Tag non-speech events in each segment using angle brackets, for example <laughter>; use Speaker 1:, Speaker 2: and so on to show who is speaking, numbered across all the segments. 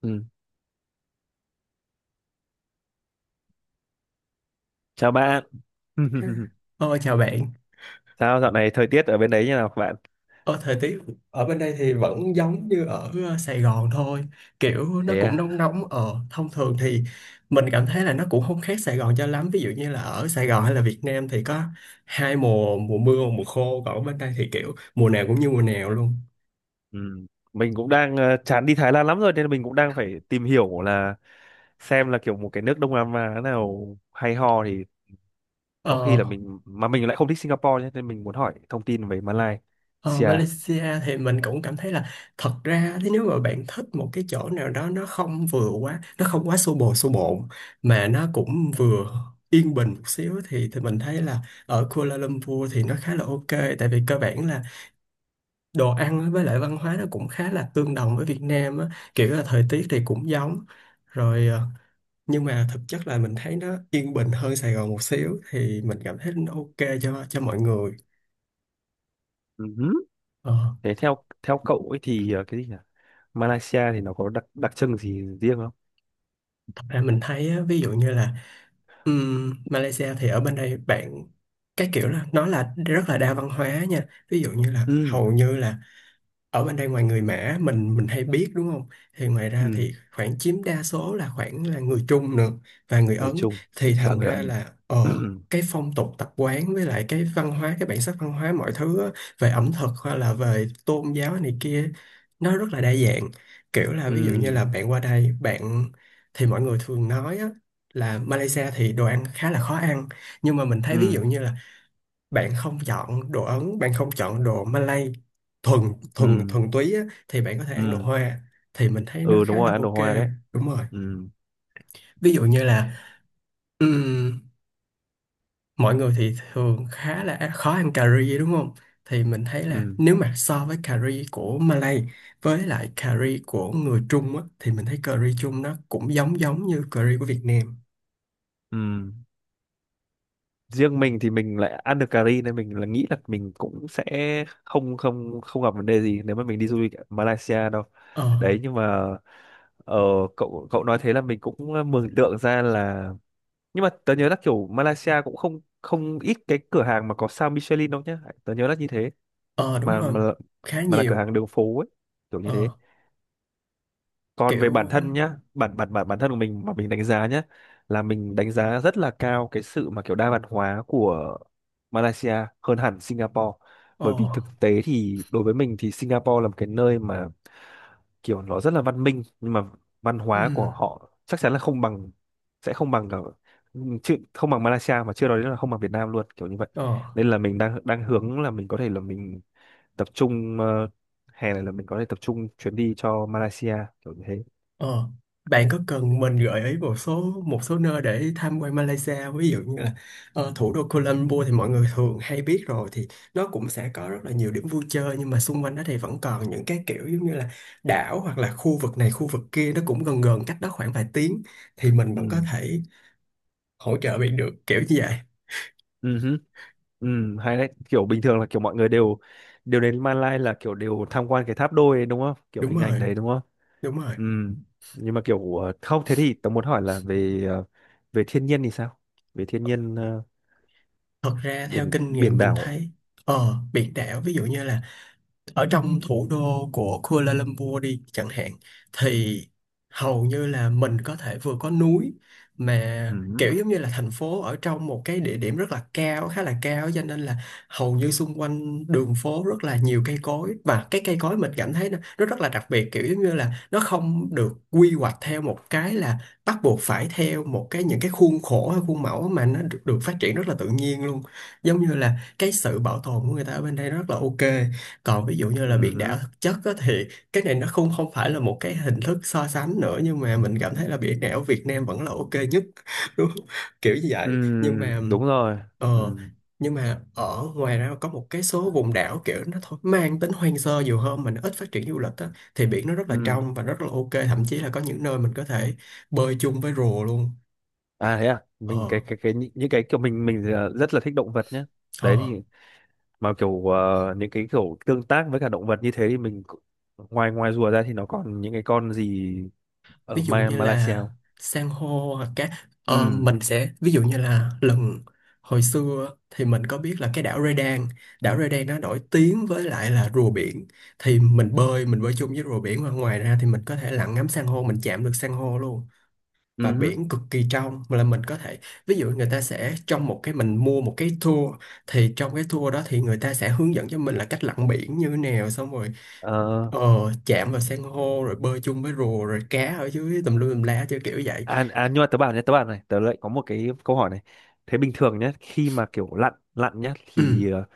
Speaker 1: Ừ. Chào bạn. <laughs>
Speaker 2: Ờ, chào bạn.
Speaker 1: Sao dạo này thời tiết ở bên đấy như nào các bạn?
Speaker 2: Ờ, thời tiết ở bên đây thì vẫn giống như ở Sài Gòn thôi. Kiểu nó
Speaker 1: Thế
Speaker 2: cũng
Speaker 1: à?
Speaker 2: nóng nóng. Ờ, thông thường thì mình cảm thấy là nó cũng không khác Sài Gòn cho lắm. Ví dụ như là ở Sài Gòn hay là Việt Nam thì có hai mùa, mùa mưa và mùa khô. Còn ở bên đây thì kiểu mùa nào cũng như mùa nào luôn.
Speaker 1: Ừ. Mình cũng đang chán đi Thái Lan lắm rồi, nên mình cũng đang phải tìm hiểu là xem là kiểu một cái nước Đông Nam Á nào hay ho thì có khi
Speaker 2: Ờ,
Speaker 1: là mình mà mình lại không thích Singapore nhé, nên mình muốn hỏi thông tin về
Speaker 2: Ờ,
Speaker 1: Malaysia.
Speaker 2: Malaysia thì mình cũng cảm thấy là thật ra thì nếu mà bạn thích một cái chỗ nào đó, nó không vừa quá, nó không quá xô bồ xô bộn mà nó cũng vừa yên bình một xíu thì mình thấy là ở Kuala Lumpur thì nó khá là ok, tại vì cơ bản là đồ ăn á, với lại văn hóa nó cũng khá là tương đồng với Việt Nam á, kiểu là thời tiết thì cũng giống rồi. Ờ, nhưng mà thực chất là mình thấy nó yên bình hơn Sài Gòn một xíu thì mình cảm thấy nó ok cho mọi người.
Speaker 1: Ừ.
Speaker 2: Ờ,
Speaker 1: Thế theo theo cậu ấy thì cái gì nhỉ? Malaysia thì nó có đặc đặc trưng gì riêng không?
Speaker 2: thật ra mình thấy á, ví dụ như là Malaysia thì ở bên đây bạn, cái kiểu là nó là rất là đa văn hóa nha, ví dụ như là
Speaker 1: Ừ.
Speaker 2: hầu như là ở bên đây ngoài người Mã mình hay biết đúng không, thì ngoài ra
Speaker 1: Ừ.
Speaker 2: thì khoảng chiếm đa số là khoảng là người Trung nữa và người
Speaker 1: Người
Speaker 2: Ấn.
Speaker 1: Trung
Speaker 2: Thì
Speaker 1: và
Speaker 2: thành
Speaker 1: người
Speaker 2: ra
Speaker 1: Ấn.
Speaker 2: là
Speaker 1: <clears throat>
Speaker 2: cái phong tục tập quán với lại cái văn hóa, cái bản sắc văn hóa mọi thứ á, về ẩm thực hay là về tôn giáo này kia, nó rất là đa dạng. Kiểu là
Speaker 1: Ừ.
Speaker 2: ví dụ như là bạn qua đây bạn, thì mọi người thường nói á, là Malaysia thì đồ ăn khá là khó ăn, nhưng mà mình thấy ví dụ
Speaker 1: Ừ.
Speaker 2: như là bạn không chọn đồ Ấn, bạn không chọn đồ Malay thuần thuần
Speaker 1: Ừ.
Speaker 2: thuần túy á, thì bạn có thể ăn đồ
Speaker 1: Ừ.
Speaker 2: Hoa thì mình thấy nó
Speaker 1: Ừ, đúng
Speaker 2: khá
Speaker 1: rồi,
Speaker 2: là
Speaker 1: ăn đồ
Speaker 2: ok.
Speaker 1: hoa đấy.
Speaker 2: Đúng rồi.
Speaker 1: Ừ.
Speaker 2: Ví dụ như là ừm, mọi người thì thường khá là khó ăn cà ri đúng không, thì mình thấy là
Speaker 1: Ừ.
Speaker 2: nếu mà so với cà ri của Malay với lại cà ri của người Trung á, thì mình thấy cà ri Trung nó cũng giống giống như cà ri của Việt Nam.
Speaker 1: Ừ. Riêng mình thì mình lại ăn được cà ri nên mình là nghĩ là mình cũng sẽ không không không gặp vấn đề gì nếu mà mình đi du lịch ở Malaysia đâu.
Speaker 2: ờ
Speaker 1: Đấy, nhưng mà ờ, cậu cậu nói thế là mình cũng mường tượng ra là, nhưng mà tớ nhớ là kiểu Malaysia cũng không không ít cái cửa hàng mà có sao Michelin đâu nhá. Tớ nhớ là như thế,
Speaker 2: ờ Đúng
Speaker 1: mà
Speaker 2: rồi.
Speaker 1: mà
Speaker 2: Khá
Speaker 1: mà là cửa
Speaker 2: nhiều.
Speaker 1: hàng đường phố ấy, kiểu như
Speaker 2: ờ
Speaker 1: thế. Còn về bản
Speaker 2: Kiểu.
Speaker 1: thân nhá, bản bản bản bản thân của mình mà mình đánh giá nhá, là mình đánh giá rất là cao cái sự mà kiểu đa văn hóa của Malaysia, hơn hẳn Singapore.
Speaker 2: ờ
Speaker 1: Bởi vì thực tế thì đối với mình thì Singapore là một cái nơi mà kiểu nó rất là văn minh, nhưng mà văn hóa của
Speaker 2: ừm,
Speaker 1: họ chắc chắn là không bằng sẽ không bằng cả, chứ không bằng Malaysia, mà chưa nói đến là không bằng Việt Nam luôn, kiểu như vậy.
Speaker 2: ờ
Speaker 1: Nên là mình đang đang hướng là mình có thể là mình tập trung, hè này là mình có thể tập trung chuyến đi cho Malaysia, kiểu như thế.
Speaker 2: Ờ, bạn có cần mình gợi ý một số nơi để tham quan Malaysia không? Ví dụ như là thủ đô Kuala Lumpur thì mọi người thường hay biết rồi, thì nó cũng sẽ có rất là nhiều điểm vui chơi, nhưng mà xung quanh đó thì vẫn còn những cái kiểu giống như là đảo hoặc là khu vực này khu vực kia, nó cũng gần gần cách đó khoảng vài tiếng, thì mình
Speaker 1: Ừ.
Speaker 2: vẫn có thể hỗ trợ bạn được kiểu như vậy.
Speaker 1: Ừ hứ. Ừ, hay đấy, kiểu bình thường là kiểu mọi người đều đều đến Malai là kiểu đều tham quan cái tháp đôi ấy, đúng không, kiểu
Speaker 2: Đúng
Speaker 1: hình ảnh
Speaker 2: rồi,
Speaker 1: đấy đúng không?
Speaker 2: đúng rồi.
Speaker 1: Ừ. Nhưng mà kiểu không, thế thì tớ muốn hỏi là về ờ, về thiên nhiên thì sao về thiên nhiên,
Speaker 2: Thật ra theo
Speaker 1: biển
Speaker 2: kinh nghiệm
Speaker 1: biển
Speaker 2: mình
Speaker 1: đảo.
Speaker 2: thấy biển đảo, ví dụ như là ở trong thủ đô của Kuala Lumpur đi chẳng hạn, thì hầu như là mình có thể vừa có núi,
Speaker 1: Ừ
Speaker 2: mà
Speaker 1: hứ.
Speaker 2: kiểu giống như là thành phố ở trong một cái địa điểm rất là cao, khá là cao, cho nên là hầu như xung quanh đường phố rất là nhiều cây cối. Và cái cây cối mình cảm thấy nó rất là đặc biệt, kiểu giống như là nó không được quy hoạch theo một cái là bắt buộc phải theo một cái những cái khuôn khổ hay khuôn mẫu, mà nó được phát triển rất là tự nhiên luôn. Giống như là cái sự bảo tồn của người ta ở bên đây rất là ok. Còn ví dụ như là biển đảo
Speaker 1: Ừ.
Speaker 2: thực chất á, thì cái này nó không không phải là một cái hình thức so sánh nữa, nhưng mà mình cảm thấy là biển đảo Việt Nam vẫn là ok nhất <laughs> đúng không? Kiểu như
Speaker 1: Ừ,
Speaker 2: vậy. nhưng mà
Speaker 1: đúng rồi. Ừ.
Speaker 2: ờ, nhưng mà ở ngoài ra có một cái số vùng đảo kiểu nó thôi mang tính hoang sơ nhiều hơn mà nó ít phát triển du lịch á, thì biển nó rất là
Speaker 1: Ừ.
Speaker 2: trong và rất là ok, thậm chí là có những nơi mình có thể bơi chung với rùa luôn.
Speaker 1: À thế à, mình cái
Speaker 2: ờ
Speaker 1: cái cái những cái kiểu mình rất là thích động vật nhé. Đấy
Speaker 2: ờ
Speaker 1: thì, mà kiểu những cái kiểu tương tác với cả động vật như thế thì mình cũng-. Ngoài ngoài rùa ra thì nó còn những cái con gì
Speaker 2: Ví
Speaker 1: ở
Speaker 2: dụ như
Speaker 1: Malaysia
Speaker 2: là
Speaker 1: không?
Speaker 2: san hô hoặc cái ờ,
Speaker 1: Ừ.
Speaker 2: mình sẽ, ví dụ như là hồi xưa thì mình có biết là cái Đảo Redan nó nổi tiếng với lại là rùa biển, thì mình bơi chung với rùa biển, và ngoài ra thì mình có thể lặn ngắm san hô, mình chạm được san hô luôn. Và
Speaker 1: Ừ.
Speaker 2: biển cực kỳ trong mà là mình có thể, ví dụ người ta sẽ, trong một cái, mình mua một cái tour, thì trong cái tour đó thì người ta sẽ hướng dẫn cho mình là cách lặn biển như thế nào, xong rồi
Speaker 1: Ờ,
Speaker 2: chạm vào san hô rồi bơi chung với rùa rồi cá ở dưới tùm lum tùm lá chơi kiểu vậy.
Speaker 1: nhưng mà tớ bảo nhé, tớ bảo này, tớ lại có một cái câu hỏi này. Thế bình thường nhé, khi mà kiểu lặn lặn nhé,
Speaker 2: Ừ.
Speaker 1: thì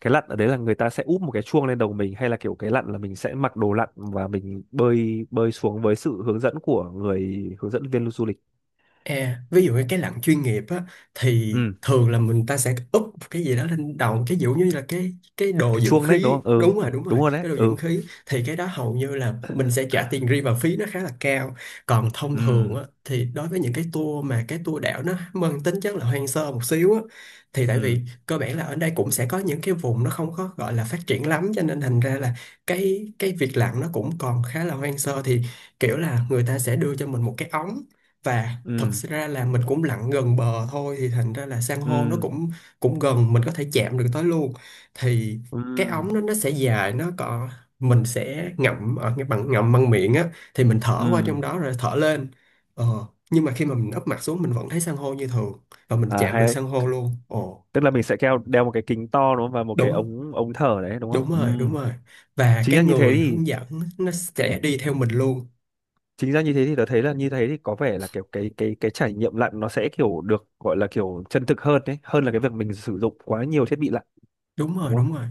Speaker 1: cái lặn ở đấy là người ta sẽ úp một cái chuông lên đầu mình, hay là kiểu cái lặn là mình sẽ mặc đồ lặn và mình bơi bơi xuống với sự hướng dẫn của người hướng dẫn viên du lịch.
Speaker 2: À, ví dụ như cái lặn chuyên nghiệp á, thì
Speaker 1: Ừ,
Speaker 2: thường là mình ta sẽ úp một cái gì đó lên đầu cái, ví dụ như là cái đồ
Speaker 1: cái
Speaker 2: dưỡng
Speaker 1: chuông đấy đúng
Speaker 2: khí,
Speaker 1: không? Ừ,
Speaker 2: đúng rồi, đúng rồi,
Speaker 1: đúng rồi đấy.
Speaker 2: cái đồ dưỡng
Speaker 1: Ừ.
Speaker 2: khí. Thì cái đó hầu như là mình sẽ trả tiền riêng và phí nó khá là cao. Còn thông
Speaker 1: Ừ.
Speaker 2: thường á, thì đối với những cái tour mà cái tour đảo nó mang tính chất là hoang sơ một xíu á, thì tại vì
Speaker 1: Ừ.
Speaker 2: cơ bản là ở đây cũng sẽ có những cái vùng nó không có gọi là phát triển lắm, cho nên thành ra là cái việc lặn nó cũng còn khá là hoang sơ. Thì kiểu là người ta sẽ đưa cho mình một cái ống, và thật
Speaker 1: Ừ.
Speaker 2: ra là mình cũng lặn gần bờ thôi, thì thành ra là san hô nó
Speaker 1: Ừ.
Speaker 2: cũng cũng gần, mình có thể chạm được tới luôn. Thì
Speaker 1: Ừ.
Speaker 2: cái ống nó sẽ dài, nó có, mình sẽ ngậm ở cái bằng, ngậm bằng miệng á, thì mình
Speaker 1: Ừ.
Speaker 2: thở qua trong đó rồi thở lên. ờ, nhưng mà khi mà mình úp mặt xuống mình vẫn thấy san hô như thường, và mình chạm được
Speaker 1: Hay đấy.
Speaker 2: san hô luôn. Ồ
Speaker 1: Tức là mình sẽ đeo đeo một cái kính to đúng không, và một cái
Speaker 2: đúng.
Speaker 1: ống ống thở đấy đúng không?
Speaker 2: đúng rồi đúng
Speaker 1: Ừ.
Speaker 2: rồi và
Speaker 1: chính
Speaker 2: cái
Speaker 1: ra như thế
Speaker 2: người
Speaker 1: thì
Speaker 2: hướng dẫn nó sẽ đi theo mình luôn.
Speaker 1: chính ra như thế thì tớ thấy là như thế thì có vẻ là kiểu cái trải nghiệm lặn nó sẽ kiểu được gọi là kiểu chân thực hơn đấy, hơn là cái việc mình sử dụng quá nhiều thiết bị lặn
Speaker 2: Đúng rồi,
Speaker 1: đúng không?
Speaker 2: đúng rồi.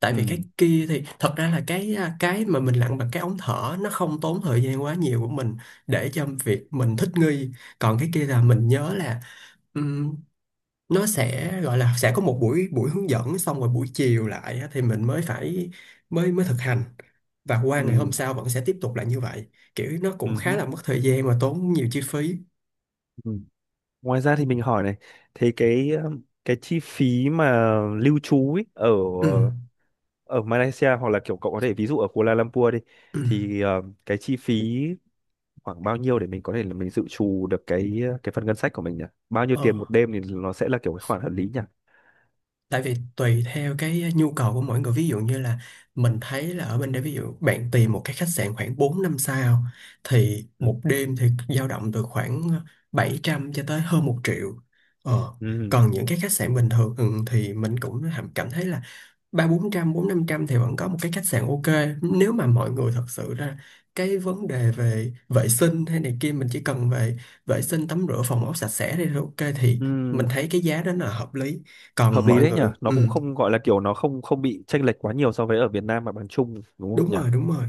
Speaker 2: Tại
Speaker 1: Ừ.
Speaker 2: vì cái kia thì thật ra là cái mà mình lặn bằng cái ống thở nó không tốn thời gian quá nhiều của mình, để cho việc mình thích nghi. Còn cái kia là mình nhớ là ừm, nó sẽ gọi là sẽ có một buổi buổi hướng dẫn, xong rồi buổi chiều lại á, thì mình mới phải mới mới thực hành, và qua ngày
Speaker 1: Ừ.
Speaker 2: hôm sau vẫn sẽ tiếp tục lại như vậy. Kiểu nó cũng
Speaker 1: Ừ hứ.
Speaker 2: khá là mất thời gian và tốn nhiều chi phí.
Speaker 1: Ừ. Ngoài ra thì mình hỏi này. Thế cái chi phí mà lưu trú ấy ở
Speaker 2: Ừ.
Speaker 1: ở Malaysia, hoặc là kiểu cậu có thể ví dụ ở Kuala Lumpur đi,
Speaker 2: Ừ.
Speaker 1: thì cái chi phí khoảng bao nhiêu để mình có thể là mình dự trù được cái phần ngân sách của mình nhỉ? Bao nhiêu tiền một
Speaker 2: Ờ.
Speaker 1: đêm thì nó sẽ là kiểu cái khoản hợp lý nhỉ?
Speaker 2: tại vì tùy theo cái nhu cầu của mỗi người, ví dụ như là mình thấy là ở bên đây, ví dụ bạn tìm một cái khách sạn khoảng 4 năm sao thì
Speaker 1: Ừ.
Speaker 2: một đêm thì dao động từ khoảng 700 cho tới hơn 1 triệu. ờ.
Speaker 1: Ừ.
Speaker 2: Còn những cái khách sạn bình thường, thì mình cũng cảm thấy là ba bốn trăm, bốn năm trăm thì vẫn có một cái khách sạn ok. Nếu mà mọi người thật sự ra cái vấn đề về vệ sinh hay này kia, mình chỉ cần về vệ sinh tắm rửa phòng ốc sạch sẽ thì là ok, thì mình
Speaker 1: Ừ.
Speaker 2: thấy cái giá đó là hợp lý.
Speaker 1: Hợp
Speaker 2: Còn
Speaker 1: lý
Speaker 2: mọi
Speaker 1: đấy nhỉ,
Speaker 2: người,
Speaker 1: nó cũng không gọi là kiểu nó không không bị chênh lệch quá nhiều so với ở Việt Nam mà bằng chung đúng không
Speaker 2: đúng
Speaker 1: nhỉ?
Speaker 2: rồi, đúng rồi,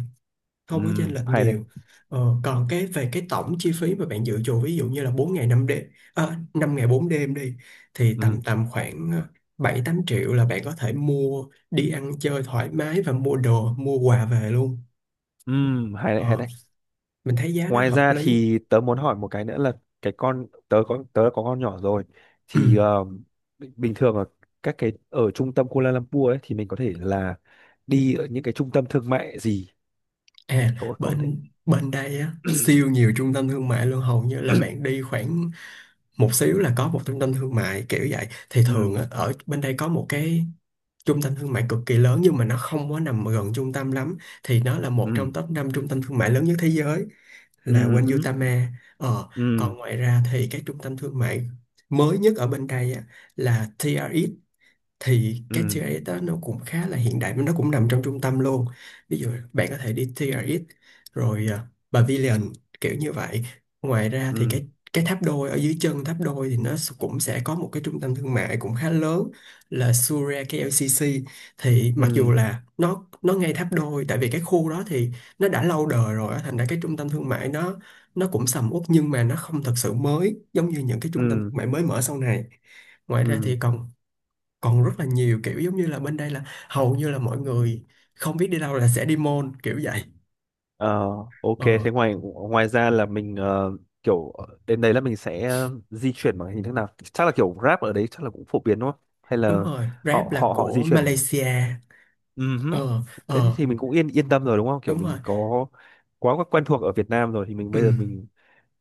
Speaker 1: Ừ.
Speaker 2: không có chênh lệch
Speaker 1: Hay đấy.
Speaker 2: nhiều. Còn cái về cái tổng chi phí mà bạn dự trù, ví dụ như là 4 ngày 5 đêm, à, 5 ngày 4 đêm đi, thì tầm
Speaker 1: Ừ.
Speaker 2: tầm khoảng 7-8 triệu là bạn có thể mua, đi ăn chơi thoải mái và mua đồ mua quà về luôn.
Speaker 1: Ừ. Hay đấy, hay
Speaker 2: Ờ,
Speaker 1: đấy.
Speaker 2: mình thấy giá nó
Speaker 1: Ngoài
Speaker 2: hợp
Speaker 1: ra
Speaker 2: lý.
Speaker 1: thì tớ muốn hỏi một cái nữa là, cái con tớ có con nhỏ rồi
Speaker 2: Ừ.
Speaker 1: thì bình thường ở các cái ở trung tâm Kuala Lumpur ấy thì mình có thể là đi ở những cái trung tâm thương mại gì,
Speaker 2: À,
Speaker 1: kiểu có thể...
Speaker 2: bên bên đây á, siêu nhiều trung tâm thương mại luôn. Hầu như là
Speaker 1: <clears throat>
Speaker 2: bạn đi khoảng một xíu là có một trung tâm thương mại kiểu vậy. Thì thường
Speaker 1: Ừ.
Speaker 2: á, ở bên đây có một cái trung tâm thương mại cực kỳ lớn nhưng mà nó không có nằm gần trung tâm lắm, thì nó là một
Speaker 1: Ừ.
Speaker 2: trong top 5 trung tâm thương mại lớn nhất thế giới, là
Speaker 1: Ừ hứ.
Speaker 2: Wanyutama. Ờ, còn
Speaker 1: Ừ.
Speaker 2: ngoài ra thì cái trung tâm thương mại mới nhất ở bên đây á, là TRX. Thì cái
Speaker 1: Ừ.
Speaker 2: TRX đó nó cũng khá là hiện đại, nó cũng nằm trong trung tâm luôn. Ví dụ bạn có thể đi TRX rồi à, Pavilion, kiểu như vậy. Ngoài ra thì
Speaker 1: Ừ.
Speaker 2: cái tháp đôi, ở dưới chân tháp đôi thì nó cũng sẽ có một cái trung tâm thương mại cũng khá lớn, là Suria KLCC. Thì mặc dù
Speaker 1: Ừ.
Speaker 2: là nó ngay tháp đôi, tại vì cái khu đó thì nó đã lâu đời rồi á, thành ra cái trung tâm thương mại nó cũng sầm uất, nhưng mà nó không thật sự mới giống như những cái trung tâm
Speaker 1: Ừ.
Speaker 2: thương mại mới mở sau này. Ngoài ra thì
Speaker 1: Ừ.
Speaker 2: còn còn rất là nhiều, kiểu giống như là bên đây là hầu như là mọi người không biết đi đâu là sẽ đi mall, kiểu vậy.
Speaker 1: Ờ, ok,
Speaker 2: Ờ,
Speaker 1: thế ngoài ngoài ra là mình kiểu đến đấy là mình sẽ di chuyển bằng hình thức nào? Chắc là kiểu Grab ở đấy chắc là cũng phổ biến đúng không, hay
Speaker 2: đúng
Speaker 1: là
Speaker 2: rồi, Grab
Speaker 1: họ
Speaker 2: là
Speaker 1: họ họ
Speaker 2: của
Speaker 1: di chuyển.
Speaker 2: Malaysia.
Speaker 1: Ừ hứ.
Speaker 2: Ờ
Speaker 1: Thế thì
Speaker 2: ờ,
Speaker 1: thì mình cũng yên yên tâm rồi đúng không, kiểu
Speaker 2: đúng rồi.
Speaker 1: mình có quá quá quen thuộc ở Việt Nam rồi thì mình,
Speaker 2: Ừ,
Speaker 1: bây giờ mình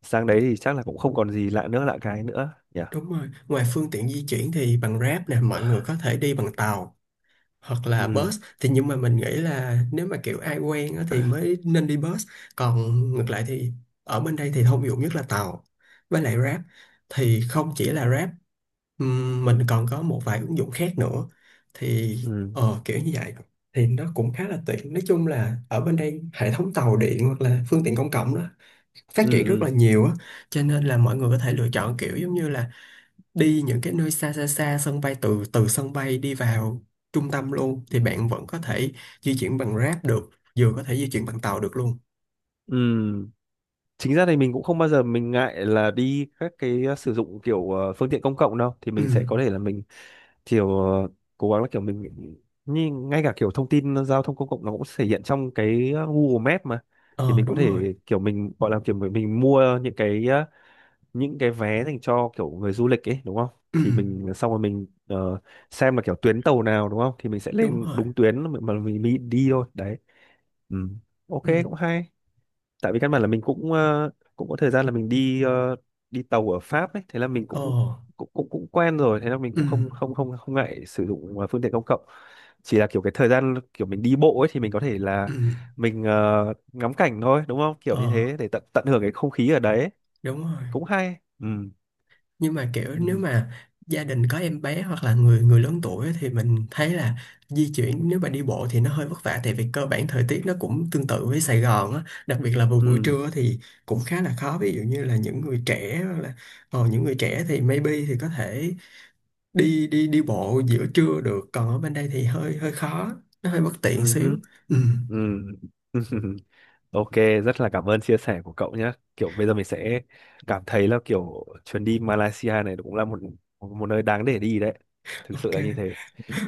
Speaker 1: sang đấy thì chắc là cũng không còn gì lạ cái nữa nhỉ.
Speaker 2: đúng rồi, ngoài phương tiện di chuyển thì bằng Grab nè, mọi người có thể đi bằng tàu hoặc là
Speaker 1: Ừ.
Speaker 2: bus. Thì nhưng mà mình nghĩ là nếu mà kiểu ai quen á, thì mới nên đi bus, còn ngược lại thì ở bên đây thì thông dụng nhất là tàu với lại Grab. Thì không chỉ là Grab, mình còn có một vài ứng dụng khác nữa thì
Speaker 1: Ừ.
Speaker 2: kiểu như vậy. Thì nó cũng khá là tiện, nói chung là ở bên đây hệ thống tàu điện hoặc là phương tiện công cộng đó phát
Speaker 1: Ừ.
Speaker 2: triển rất là
Speaker 1: Ừ.
Speaker 2: nhiều á. Cho nên là mọi người có thể lựa chọn kiểu giống như là đi những cái nơi xa xa, xa sân bay, từ từ sân bay đi vào trung tâm luôn thì bạn vẫn có thể di chuyển bằng Grab được, vừa có thể di chuyển bằng tàu được luôn.
Speaker 1: Ừ. Chính ra thì mình cũng không bao giờ mình ngại là đi các cái ờ, sử dụng kiểu phương tiện công cộng đâu, thì
Speaker 2: Ừ,
Speaker 1: mình sẽ có thể là mình kiểu cố gắng là kiểu mình, như ngay cả kiểu thông tin giao thông công cộng nó cũng thể hiện trong cái Google Maps mà, thì
Speaker 2: ờ
Speaker 1: mình có
Speaker 2: đúng rồi.
Speaker 1: thể kiểu mình gọi là kiểu mình mua những cái vé dành cho kiểu người du lịch ấy đúng không?
Speaker 2: Ừ,
Speaker 1: Thì mình xong rồi mình xem là kiểu tuyến tàu nào đúng không, thì mình sẽ
Speaker 2: đúng
Speaker 1: lên
Speaker 2: rồi.
Speaker 1: đúng tuyến mà mình đi thôi đấy. Ừ. Ok,
Speaker 2: Ừ,
Speaker 1: cũng hay. Tại vì căn bản là mình cũng cũng có thời gian là mình đi đi tàu ở Pháp ấy, thế là mình
Speaker 2: ờ,
Speaker 1: cũng cũng cũng cũng quen rồi, thế là mình
Speaker 2: ừ,
Speaker 1: cũng không không không không ngại sử dụng phương tiện công cộng. Chỉ là kiểu cái thời gian kiểu mình đi bộ ấy thì mình có thể là
Speaker 2: ừ,
Speaker 1: mình ngắm cảnh thôi đúng không, kiểu
Speaker 2: ờ
Speaker 1: như thế, để tận tận hưởng cái không khí ở đấy.
Speaker 2: đúng rồi.
Speaker 1: Cũng hay. Ừ.
Speaker 2: Nhưng mà kiểu
Speaker 1: Ừ.
Speaker 2: nếu mà gia đình có em bé hoặc là người người lớn tuổi á, thì mình thấy là di chuyển nếu mà đi bộ thì nó hơi vất vả, tại vì cơ bản thời tiết nó cũng tương tự với Sài Gòn á, đặc biệt là vào buổi
Speaker 1: Ừ.
Speaker 2: trưa thì cũng khá là khó. Ví dụ như là những người trẻ hoặc là những người trẻ thì maybe thì có thể đi đi đi bộ giữa trưa được, còn ở bên đây thì hơi hơi khó, nó hơi bất tiện
Speaker 1: Ừ.
Speaker 2: xíu. Ừ,
Speaker 1: Ừ. Ừ. <laughs> Ok, rất là cảm ơn chia sẻ của cậu nhé. Kiểu bây giờ mình sẽ cảm thấy là kiểu chuyến đi Malaysia này cũng là một một nơi đáng để đi đấy. Thực sự
Speaker 2: ok.
Speaker 1: là như thế.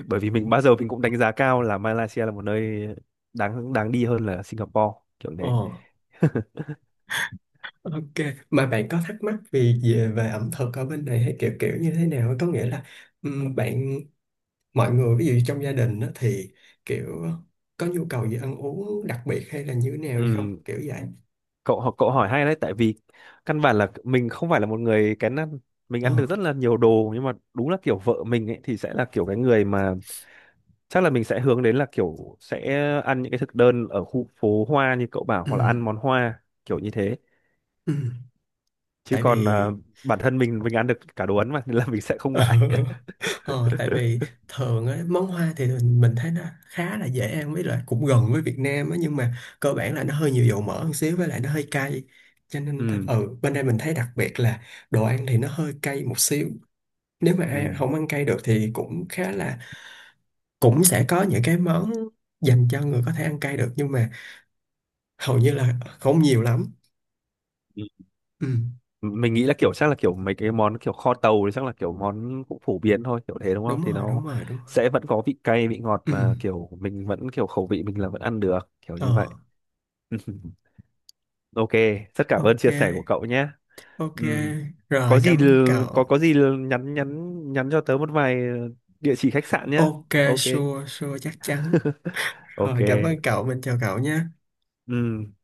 Speaker 1: Bởi vì mình bao giờ mình cũng đánh giá cao là Malaysia là một nơi đáng đáng đi hơn là Singapore, kiểu
Speaker 2: Ồ,
Speaker 1: thế.
Speaker 2: ok, mà bạn có thắc mắc vì về về ẩm thực ở bên này hay kiểu kiểu như thế nào? Có nghĩa là bạn mọi người ví dụ trong gia đình á, thì kiểu có nhu cầu gì ăn uống đặc biệt hay là như thế nào hay không?
Speaker 1: Ừ,
Speaker 2: Kiểu vậy.
Speaker 1: cậu hỏi hay đấy, tại vì căn bản là mình không phải là một người kén ăn. Mình
Speaker 2: Ờ.
Speaker 1: ăn được rất là nhiều đồ, nhưng mà đúng là kiểu vợ mình ấy thì sẽ là kiểu cái người mà chắc là mình sẽ hướng đến là kiểu sẽ ăn những cái thực đơn ở khu phố hoa như cậu bảo, hoặc là ăn
Speaker 2: Ừm,
Speaker 1: món hoa kiểu như thế.
Speaker 2: ừm.
Speaker 1: Chứ
Speaker 2: Tại
Speaker 1: còn
Speaker 2: vì
Speaker 1: bản thân mình ăn được cả đồ Ấn mà, nên là mình sẽ không ngại. <laughs>
Speaker 2: <laughs> ờ, tại vì thường á, món hoa thì mình thấy nó khá là dễ ăn với lại cũng gần với Việt Nam á, nhưng mà cơ bản là nó hơi nhiều dầu mỡ một xíu với lại nó hơi cay. Cho nên
Speaker 1: Ừ.
Speaker 2: ừ, bên đây mình thấy đặc biệt là đồ ăn thì nó hơi cay một xíu, nếu mà ai
Speaker 1: Ừ.
Speaker 2: không ăn cay được thì cũng khá là cũng sẽ có những cái món dành cho người có thể ăn cay được, nhưng mà hầu như là không nhiều lắm.
Speaker 1: Ừ.
Speaker 2: Ừ,
Speaker 1: Mình nghĩ là kiểu chắc là kiểu mấy cái món kiểu kho tàu thì chắc là kiểu món cũng phổ biến thôi kiểu thế đúng không,
Speaker 2: đúng
Speaker 1: thì
Speaker 2: rồi
Speaker 1: nó
Speaker 2: đúng rồi đúng rồi.
Speaker 1: sẽ vẫn có vị cay vị ngọt
Speaker 2: Ừ,
Speaker 1: mà kiểu mình vẫn kiểu khẩu vị mình là vẫn ăn được kiểu
Speaker 2: ờ,
Speaker 1: như vậy. <laughs> Ok, rất cảm ơn
Speaker 2: ok.
Speaker 1: chia sẻ của cậu nhé.
Speaker 2: Ok,
Speaker 1: Ừ.
Speaker 2: rồi cảm ơn cậu.
Speaker 1: Có gì l- nhắn nhắn nhắn cho tớ một vài địa chỉ khách sạn nhé.
Speaker 2: Ok,
Speaker 1: Ok.
Speaker 2: sure sure, chắc chắn.
Speaker 1: Ok.
Speaker 2: Rồi cảm ơn cậu, mình chào cậu nha.
Speaker 1: Ừ.